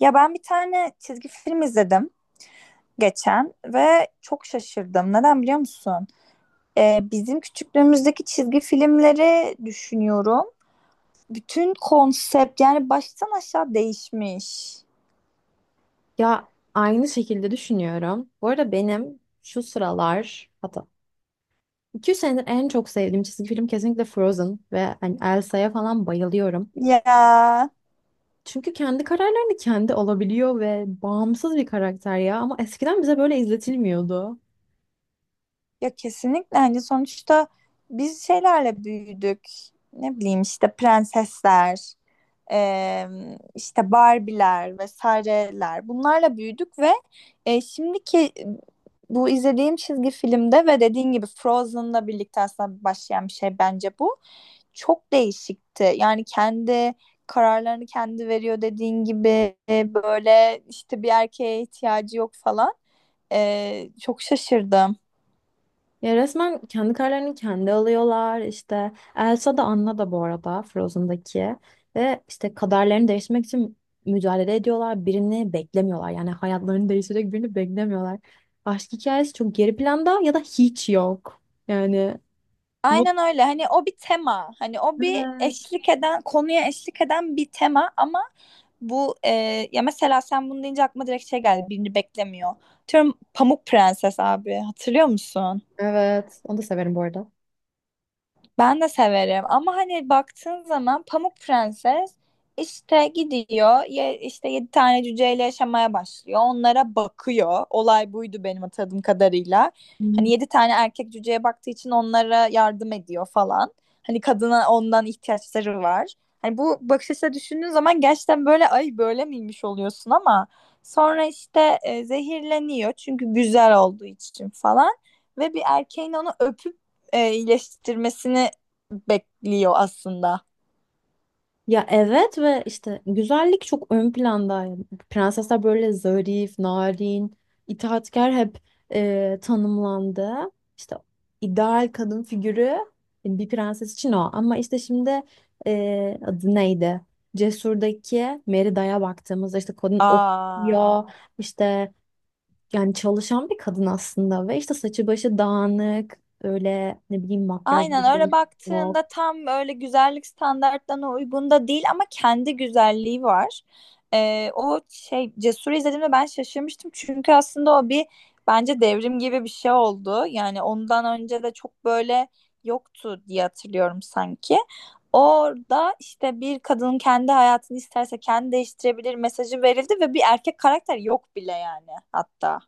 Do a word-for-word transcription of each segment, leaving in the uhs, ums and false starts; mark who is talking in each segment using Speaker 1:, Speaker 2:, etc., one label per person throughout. Speaker 1: Ya ben bir tane çizgi film izledim geçen ve çok şaşırdım. Neden biliyor musun? Ee, bizim küçüklüğümüzdeki çizgi filmleri düşünüyorum. Bütün konsept yani baştan aşağı değişmiş.
Speaker 2: Ya aynı şekilde düşünüyorum. Bu arada benim şu sıralar hatta iki senedir en çok sevdiğim çizgi film kesinlikle Frozen ve hani Elsa'ya falan bayılıyorum.
Speaker 1: Ya
Speaker 2: Çünkü kendi kararlarını kendi alabiliyor ve bağımsız bir karakter ya ama eskiden bize böyle izletilmiyordu.
Speaker 1: ya kesinlikle hani sonuçta biz şeylerle büyüdük. Ne bileyim işte prensesler, e, işte Barbie'ler vesaireler bunlarla büyüdük ve e, şimdiki bu izlediğim çizgi filmde ve dediğin gibi Frozen'la birlikte aslında başlayan bir şey bence bu. Çok değişikti. Yani kendi kararlarını kendi veriyor dediğin gibi e, böyle işte bir erkeğe ihtiyacı yok falan. E, çok şaşırdım.
Speaker 2: Ya resmen kendi kararlarını kendi alıyorlar. İşte Elsa da Anna da bu arada Frozen'daki. Ve işte kaderlerini değiştirmek için mücadele ediyorlar. Birini beklemiyorlar. Yani hayatlarını değiştirecek birini beklemiyorlar. Aşk hikayesi çok geri planda ya da hiç yok. Yani
Speaker 1: Aynen
Speaker 2: mutlu.
Speaker 1: öyle. Hani o bir tema. Hani o bir
Speaker 2: Evet.
Speaker 1: eşlik eden, konuya eşlik eden bir tema ama bu e, ya mesela sen bunu deyince aklıma direkt şey geldi. Birini beklemiyor. Diyorum Pamuk Prenses abi. Hatırlıyor musun?
Speaker 2: Evet. Onu da severim bu arada.
Speaker 1: Ben de severim ama hani baktığın zaman Pamuk Prenses işte gidiyor ye, işte yedi tane cüceyle yaşamaya başlıyor. Onlara bakıyor. Olay buydu benim hatırladığım kadarıyla. Hani yedi tane erkek cüceye baktığı için onlara yardım ediyor falan. Hani kadına ondan ihtiyaçları var. Hani bu bakış açısıyla düşündüğün zaman gerçekten böyle ay böyle miymiş oluyorsun ama sonra işte e, zehirleniyor çünkü güzel olduğu için falan ve bir erkeğin onu öpüp e, iyileştirmesini bekliyor aslında.
Speaker 2: Ya evet ve işte güzellik çok ön plandaydı. Prensesler böyle zarif, narin, itaatkar hep e, tanımlandı. İşte ideal kadın figürü e, bir prenses için o. Ama işte şimdi e, adı neydi? Cesur'daki Merida'ya baktığımızda işte kadın
Speaker 1: Aa.
Speaker 2: okuyor, işte yani çalışan bir kadın aslında ve işte saçı başı dağınık, öyle ne bileyim makyajlı
Speaker 1: Aynen öyle
Speaker 2: bir.
Speaker 1: baktığında tam böyle güzellik standartlarına uygun da değil ama kendi güzelliği var. Ee, o şey Cesur'u izlediğimde ben şaşırmıştım çünkü aslında o bir bence devrim gibi bir şey oldu. Yani ondan önce de çok böyle yoktu diye hatırlıyorum sanki. Orada işte bir kadının kendi hayatını isterse kendi değiştirebilir mesajı verildi ve bir erkek karakter yok bile yani hatta.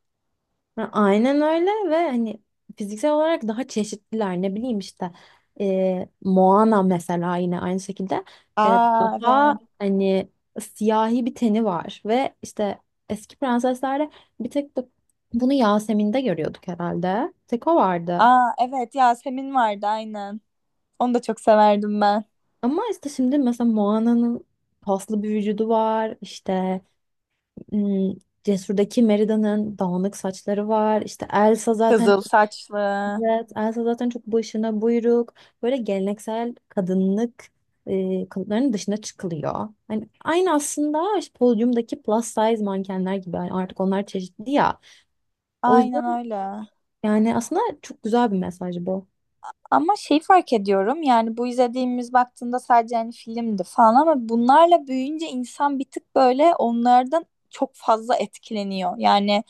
Speaker 2: Ya aynen öyle ve hani fiziksel olarak daha çeşitliler, ne bileyim işte e, Moana mesela yine aynı şekilde e,
Speaker 1: Aa, evet.
Speaker 2: daha hani siyahi bir teni var ve işte eski prenseslerde bir tek bu- bunu Yasemin'de görüyorduk herhalde, tek o vardı.
Speaker 1: Aa, evet, Yasemin vardı aynen. Onu da çok severdim ben.
Speaker 2: Ama işte şimdi mesela Moana'nın paslı bir vücudu var işte, hmm, Cesur'daki Merida'nın dağınık saçları var, işte Elsa zaten.
Speaker 1: Kızıl saçlı.
Speaker 2: Evet, Elsa zaten çok başına buyruk, böyle geleneksel kadınlık e, kalıplarının dışına çıkılıyor. Hani aynı aslında işte podyumdaki plus size mankenler gibi. Yani artık onlar çeşitli ya. O
Speaker 1: Aynen
Speaker 2: yüzden
Speaker 1: öyle.
Speaker 2: yani aslında çok güzel bir mesaj bu.
Speaker 1: Ama şey fark ediyorum yani bu izlediğimiz baktığında sadece hani filmdi falan ama bunlarla büyüyünce insan bir tık böyle onlardan çok fazla etkileniyor. Yani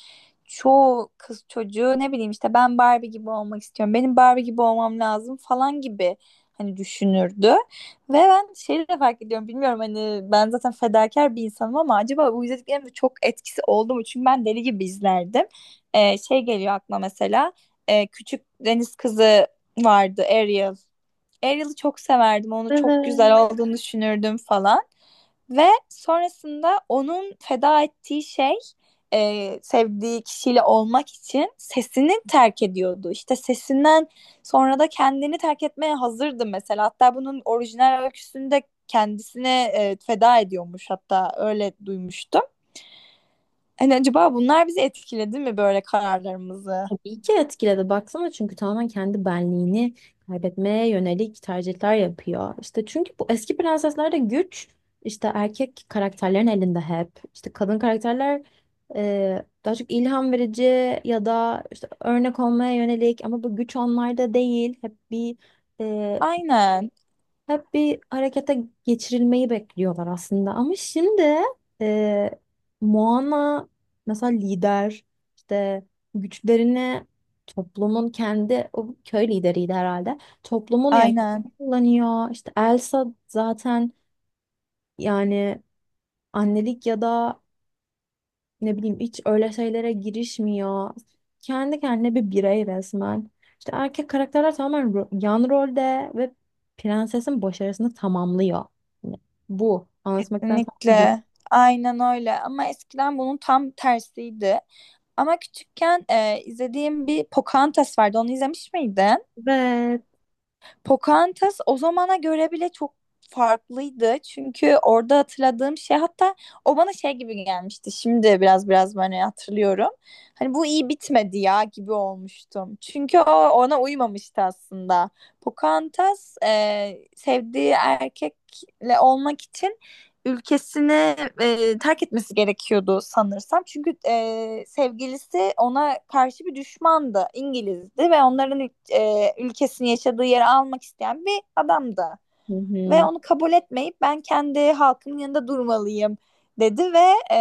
Speaker 1: çoğu kız çocuğu ne bileyim işte ben Barbie gibi olmak istiyorum. Benim Barbie gibi olmam lazım falan gibi hani düşünürdü. Ve ben şeyi de fark ediyorum bilmiyorum hani ben zaten fedakar bir insanım ama acaba bu izlediklerimde çok etkisi oldu mu? Çünkü ben deli gibi izlerdim. Ee, şey geliyor aklıma mesela e, Küçük Deniz Kızı vardı Ariel. Ariel'i çok severdim. Onu çok güzel
Speaker 2: Evet.
Speaker 1: olduğunu düşünürdüm falan. Ve sonrasında onun feda ettiği şey e, sevdiği kişiyle olmak için sesini terk ediyordu. İşte sesinden sonra da kendini terk etmeye hazırdı mesela. Hatta bunun orijinal öyküsünde kendisine e, feda ediyormuş hatta öyle duymuştum. Hani acaba bunlar bizi etkiledi mi böyle kararlarımızı?
Speaker 2: Tabii ki etkiledi. Baksana çünkü tamamen kendi benliğini kaybetmeye yönelik tercihler yapıyor. İşte çünkü bu eski prenseslerde güç işte erkek karakterlerin elinde hep. İşte kadın karakterler e, daha çok ilham verici ya da işte örnek olmaya yönelik, ama bu güç onlarda değil. Hep bir
Speaker 1: Aynen,
Speaker 2: hep bir harekete geçirilmeyi bekliyorlar aslında. Ama şimdi e, Moana mesela lider, işte güçlerini toplumun kendi o köy lideriydi herhalde. Toplumun yani
Speaker 1: aynen.
Speaker 2: kullanıyor. İşte Elsa zaten yani annelik ya da ne bileyim hiç öyle şeylere girişmiyor. Kendi kendine bir birey resmen. İşte erkek karakterler tamamen ro- yan rolde ve prensesin başarısını tamamlıyor. Yani bu anlatmaktan tam bu.
Speaker 1: Kesinlikle. Aynen öyle. Ama eskiden bunun tam tersiydi. Ama küçükken e, izlediğim bir Pocahontas vardı. Onu izlemiş miydin?
Speaker 2: Evet.
Speaker 1: Pocahontas o zamana göre bile çok farklıydı. Çünkü orada hatırladığım şey hatta o bana şey gibi gelmişti. Şimdi biraz biraz böyle hatırlıyorum. Hani bu iyi bitmedi ya gibi olmuştum. Çünkü o ona uymamıştı aslında. Pocahontas e, sevdiği erkekle olmak için ülkesini e, terk etmesi gerekiyordu sanırsam. Çünkü e, sevgilisi ona karşı bir düşmandı. İngilizdi ve onların e, ülkesini yaşadığı yeri almak isteyen bir adamdı.
Speaker 2: Hı
Speaker 1: Ve
Speaker 2: hı.
Speaker 1: onu kabul etmeyip ben kendi halkımın yanında durmalıyım dedi ve e,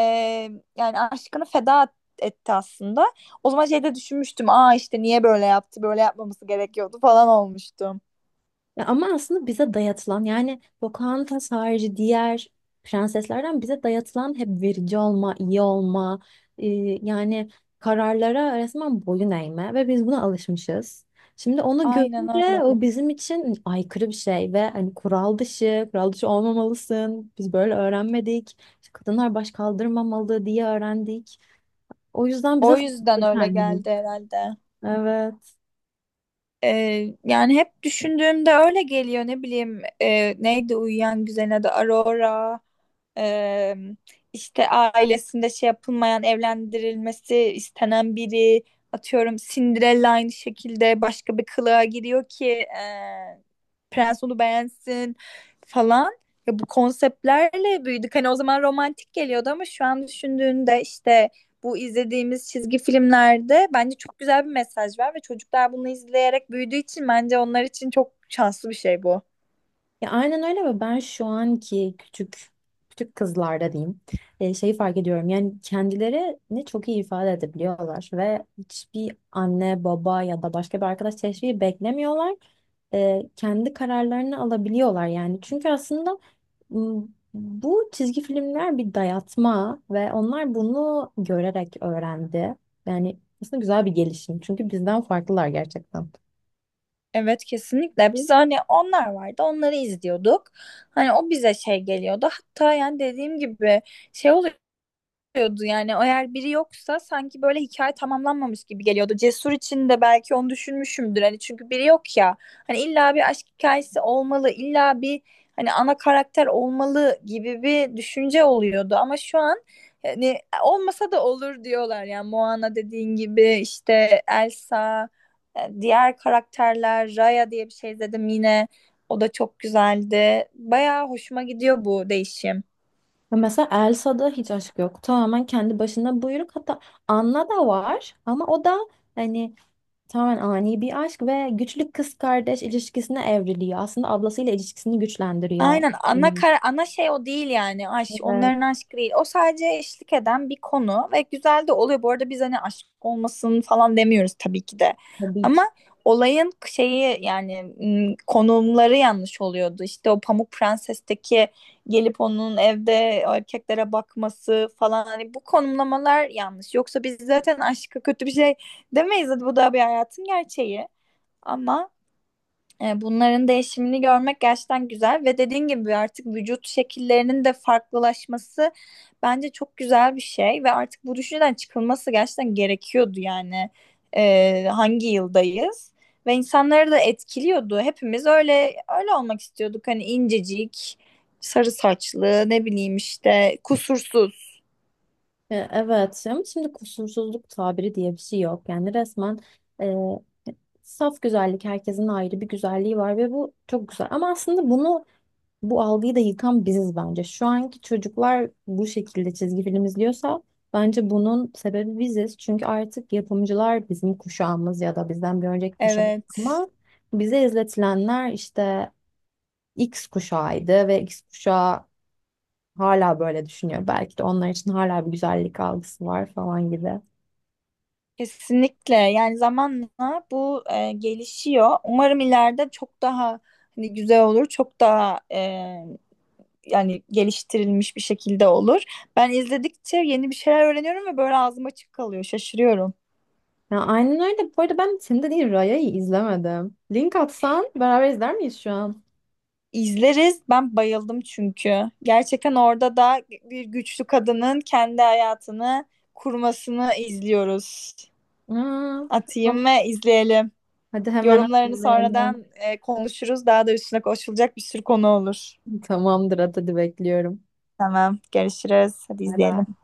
Speaker 1: yani aşkını feda etti aslında. O zaman şeyde düşünmüştüm. Aa, işte niye böyle yaptı? Böyle yapmaması gerekiyordu falan olmuştum.
Speaker 2: Ya ama aslında bize dayatılan, yani Pocahontas harici diğer prenseslerden bize dayatılan hep verici olma, iyi olma, e, yani kararlara resmen boyun eğme ve biz buna alışmışız. Şimdi onu
Speaker 1: Aynen
Speaker 2: görünce
Speaker 1: öyle.
Speaker 2: o bizim için aykırı bir şey ve hani kural dışı, kural dışı olmamalısın. Biz böyle öğrenmedik. İşte kadınlar baş kaldırmamalı diye öğrendik. O yüzden bize
Speaker 1: O yüzden
Speaker 2: farklı
Speaker 1: öyle
Speaker 2: gelmiyor.
Speaker 1: geldi herhalde.
Speaker 2: Evet.
Speaker 1: Ee, yani hep düşündüğümde öyle geliyor ne bileyim e, neydi uyuyan güzelin adı Aurora. Ee, işte ailesinde şey yapılmayan evlendirilmesi istenen biri atıyorum Cinderella aynı şekilde başka bir kılığa giriyor ki e, prens onu beğensin falan ya bu konseptlerle büyüdük hani o zaman romantik geliyordu ama şu an düşündüğünde işte bu izlediğimiz çizgi filmlerde bence çok güzel bir mesaj var ve çocuklar bunu izleyerek büyüdüğü için bence onlar için çok şanslı bir şey bu.
Speaker 2: Ya aynen öyle ve ben şu anki küçük küçük kızlarda diyeyim, e, şeyi fark ediyorum, yani kendilerini çok iyi ifade edebiliyorlar ve hiçbir anne baba ya da başka bir arkadaş teşviki beklemiyorlar. E, kendi kararlarını alabiliyorlar yani, çünkü aslında m, bu çizgi filmler bir dayatma ve onlar bunu görerek öğrendi. Yani aslında güzel bir gelişim çünkü bizden farklılar gerçekten.
Speaker 1: Evet, kesinlikle biz hani onlar vardı onları izliyorduk. Hani o bize şey geliyordu. Hatta yani dediğim gibi şey oluyor geliyordu yani eğer biri yoksa sanki böyle hikaye tamamlanmamış gibi geliyordu. Cesur için de belki onu düşünmüşümdür hani çünkü biri yok ya hani illa bir aşk hikayesi olmalı illa bir hani ana karakter olmalı gibi bir düşünce oluyordu ama şu an hani olmasa da olur diyorlar yani Moana dediğin gibi işte Elsa e, diğer karakterler Raya diye bir şey dedim yine o da çok güzeldi bayağı hoşuma gidiyor bu değişim.
Speaker 2: Ya mesela Elsa'da hiç aşk yok. Tamamen kendi başına buyruk. Hatta Anna da var ama o da hani tamamen ani bir aşk ve güçlü kız kardeş ilişkisine evriliyor. Aslında ablasıyla ilişkisini güçlendiriyor.
Speaker 1: Aynen ana
Speaker 2: Bunun.
Speaker 1: kara, ana şey o değil yani aşk onların
Speaker 2: Evet,
Speaker 1: aşkı değil o sadece eşlik eden bir konu ve güzel de oluyor bu arada biz hani aşk olmasın falan demiyoruz tabii ki de
Speaker 2: tabii
Speaker 1: ama
Speaker 2: ki.
Speaker 1: olayın şeyi yani m, konumları yanlış oluyordu işte o Pamuk Prenses'teki gelip onun evde erkeklere bakması falan hani bu konumlamalar yanlış yoksa biz zaten aşkı kötü bir şey demeyiz bu da bir hayatın gerçeği ama e, Bunların değişimini görmek gerçekten güzel ve dediğin gibi artık vücut şekillerinin de farklılaşması bence çok güzel bir şey ve artık bu düşünceden çıkılması gerçekten gerekiyordu yani. E, hangi yıldayız ve insanları da etkiliyordu. Hepimiz öyle öyle olmak istiyorduk hani incecik, sarı saçlı, ne bileyim işte kusursuz.
Speaker 2: E, evet, ama şimdi kusursuzluk tabiri diye bir şey yok. Yani resmen e, saf güzellik, herkesin ayrı bir güzelliği var ve bu çok güzel. Ama aslında bunu, bu algıyı da yıkan biziz bence. Şu anki çocuklar bu şekilde çizgi film izliyorsa bence bunun sebebi biziz. Çünkü artık yapımcılar bizim kuşağımız ya da bizden bir önceki kuşak,
Speaker 1: Evet.
Speaker 2: ama bize izletilenler işte X kuşağıydı ve X kuşağı hala böyle düşünüyor. Belki de onlar için hala bir güzellik algısı var falan gibi.
Speaker 1: Kesinlikle yani zamanla bu e, gelişiyor. Umarım ileride çok daha hani güzel olur, çok daha e, yani geliştirilmiş bir şekilde olur. Ben izledikçe yeni bir şeyler öğreniyorum ve böyle ağzım açık kalıyor, şaşırıyorum.
Speaker 2: Ya aynen öyle. Bu arada ben senin dediğin Raya'yı izlemedim. Link atsan beraber izler miyiz şu an?
Speaker 1: İzleriz, ben bayıldım çünkü. Gerçekten orada da bir güçlü kadının kendi hayatını kurmasını izliyoruz.
Speaker 2: Aa, tamam.
Speaker 1: Atayım ve izleyelim.
Speaker 2: Hadi hemen
Speaker 1: Yorumlarını
Speaker 2: atlayalım.
Speaker 1: sonradan e, konuşuruz. Daha da üstüne konuşulacak bir sürü konu olur.
Speaker 2: Tamamdır, hadi bekliyorum.
Speaker 1: Tamam, görüşürüz. Hadi
Speaker 2: Bay
Speaker 1: izleyelim.
Speaker 2: bay.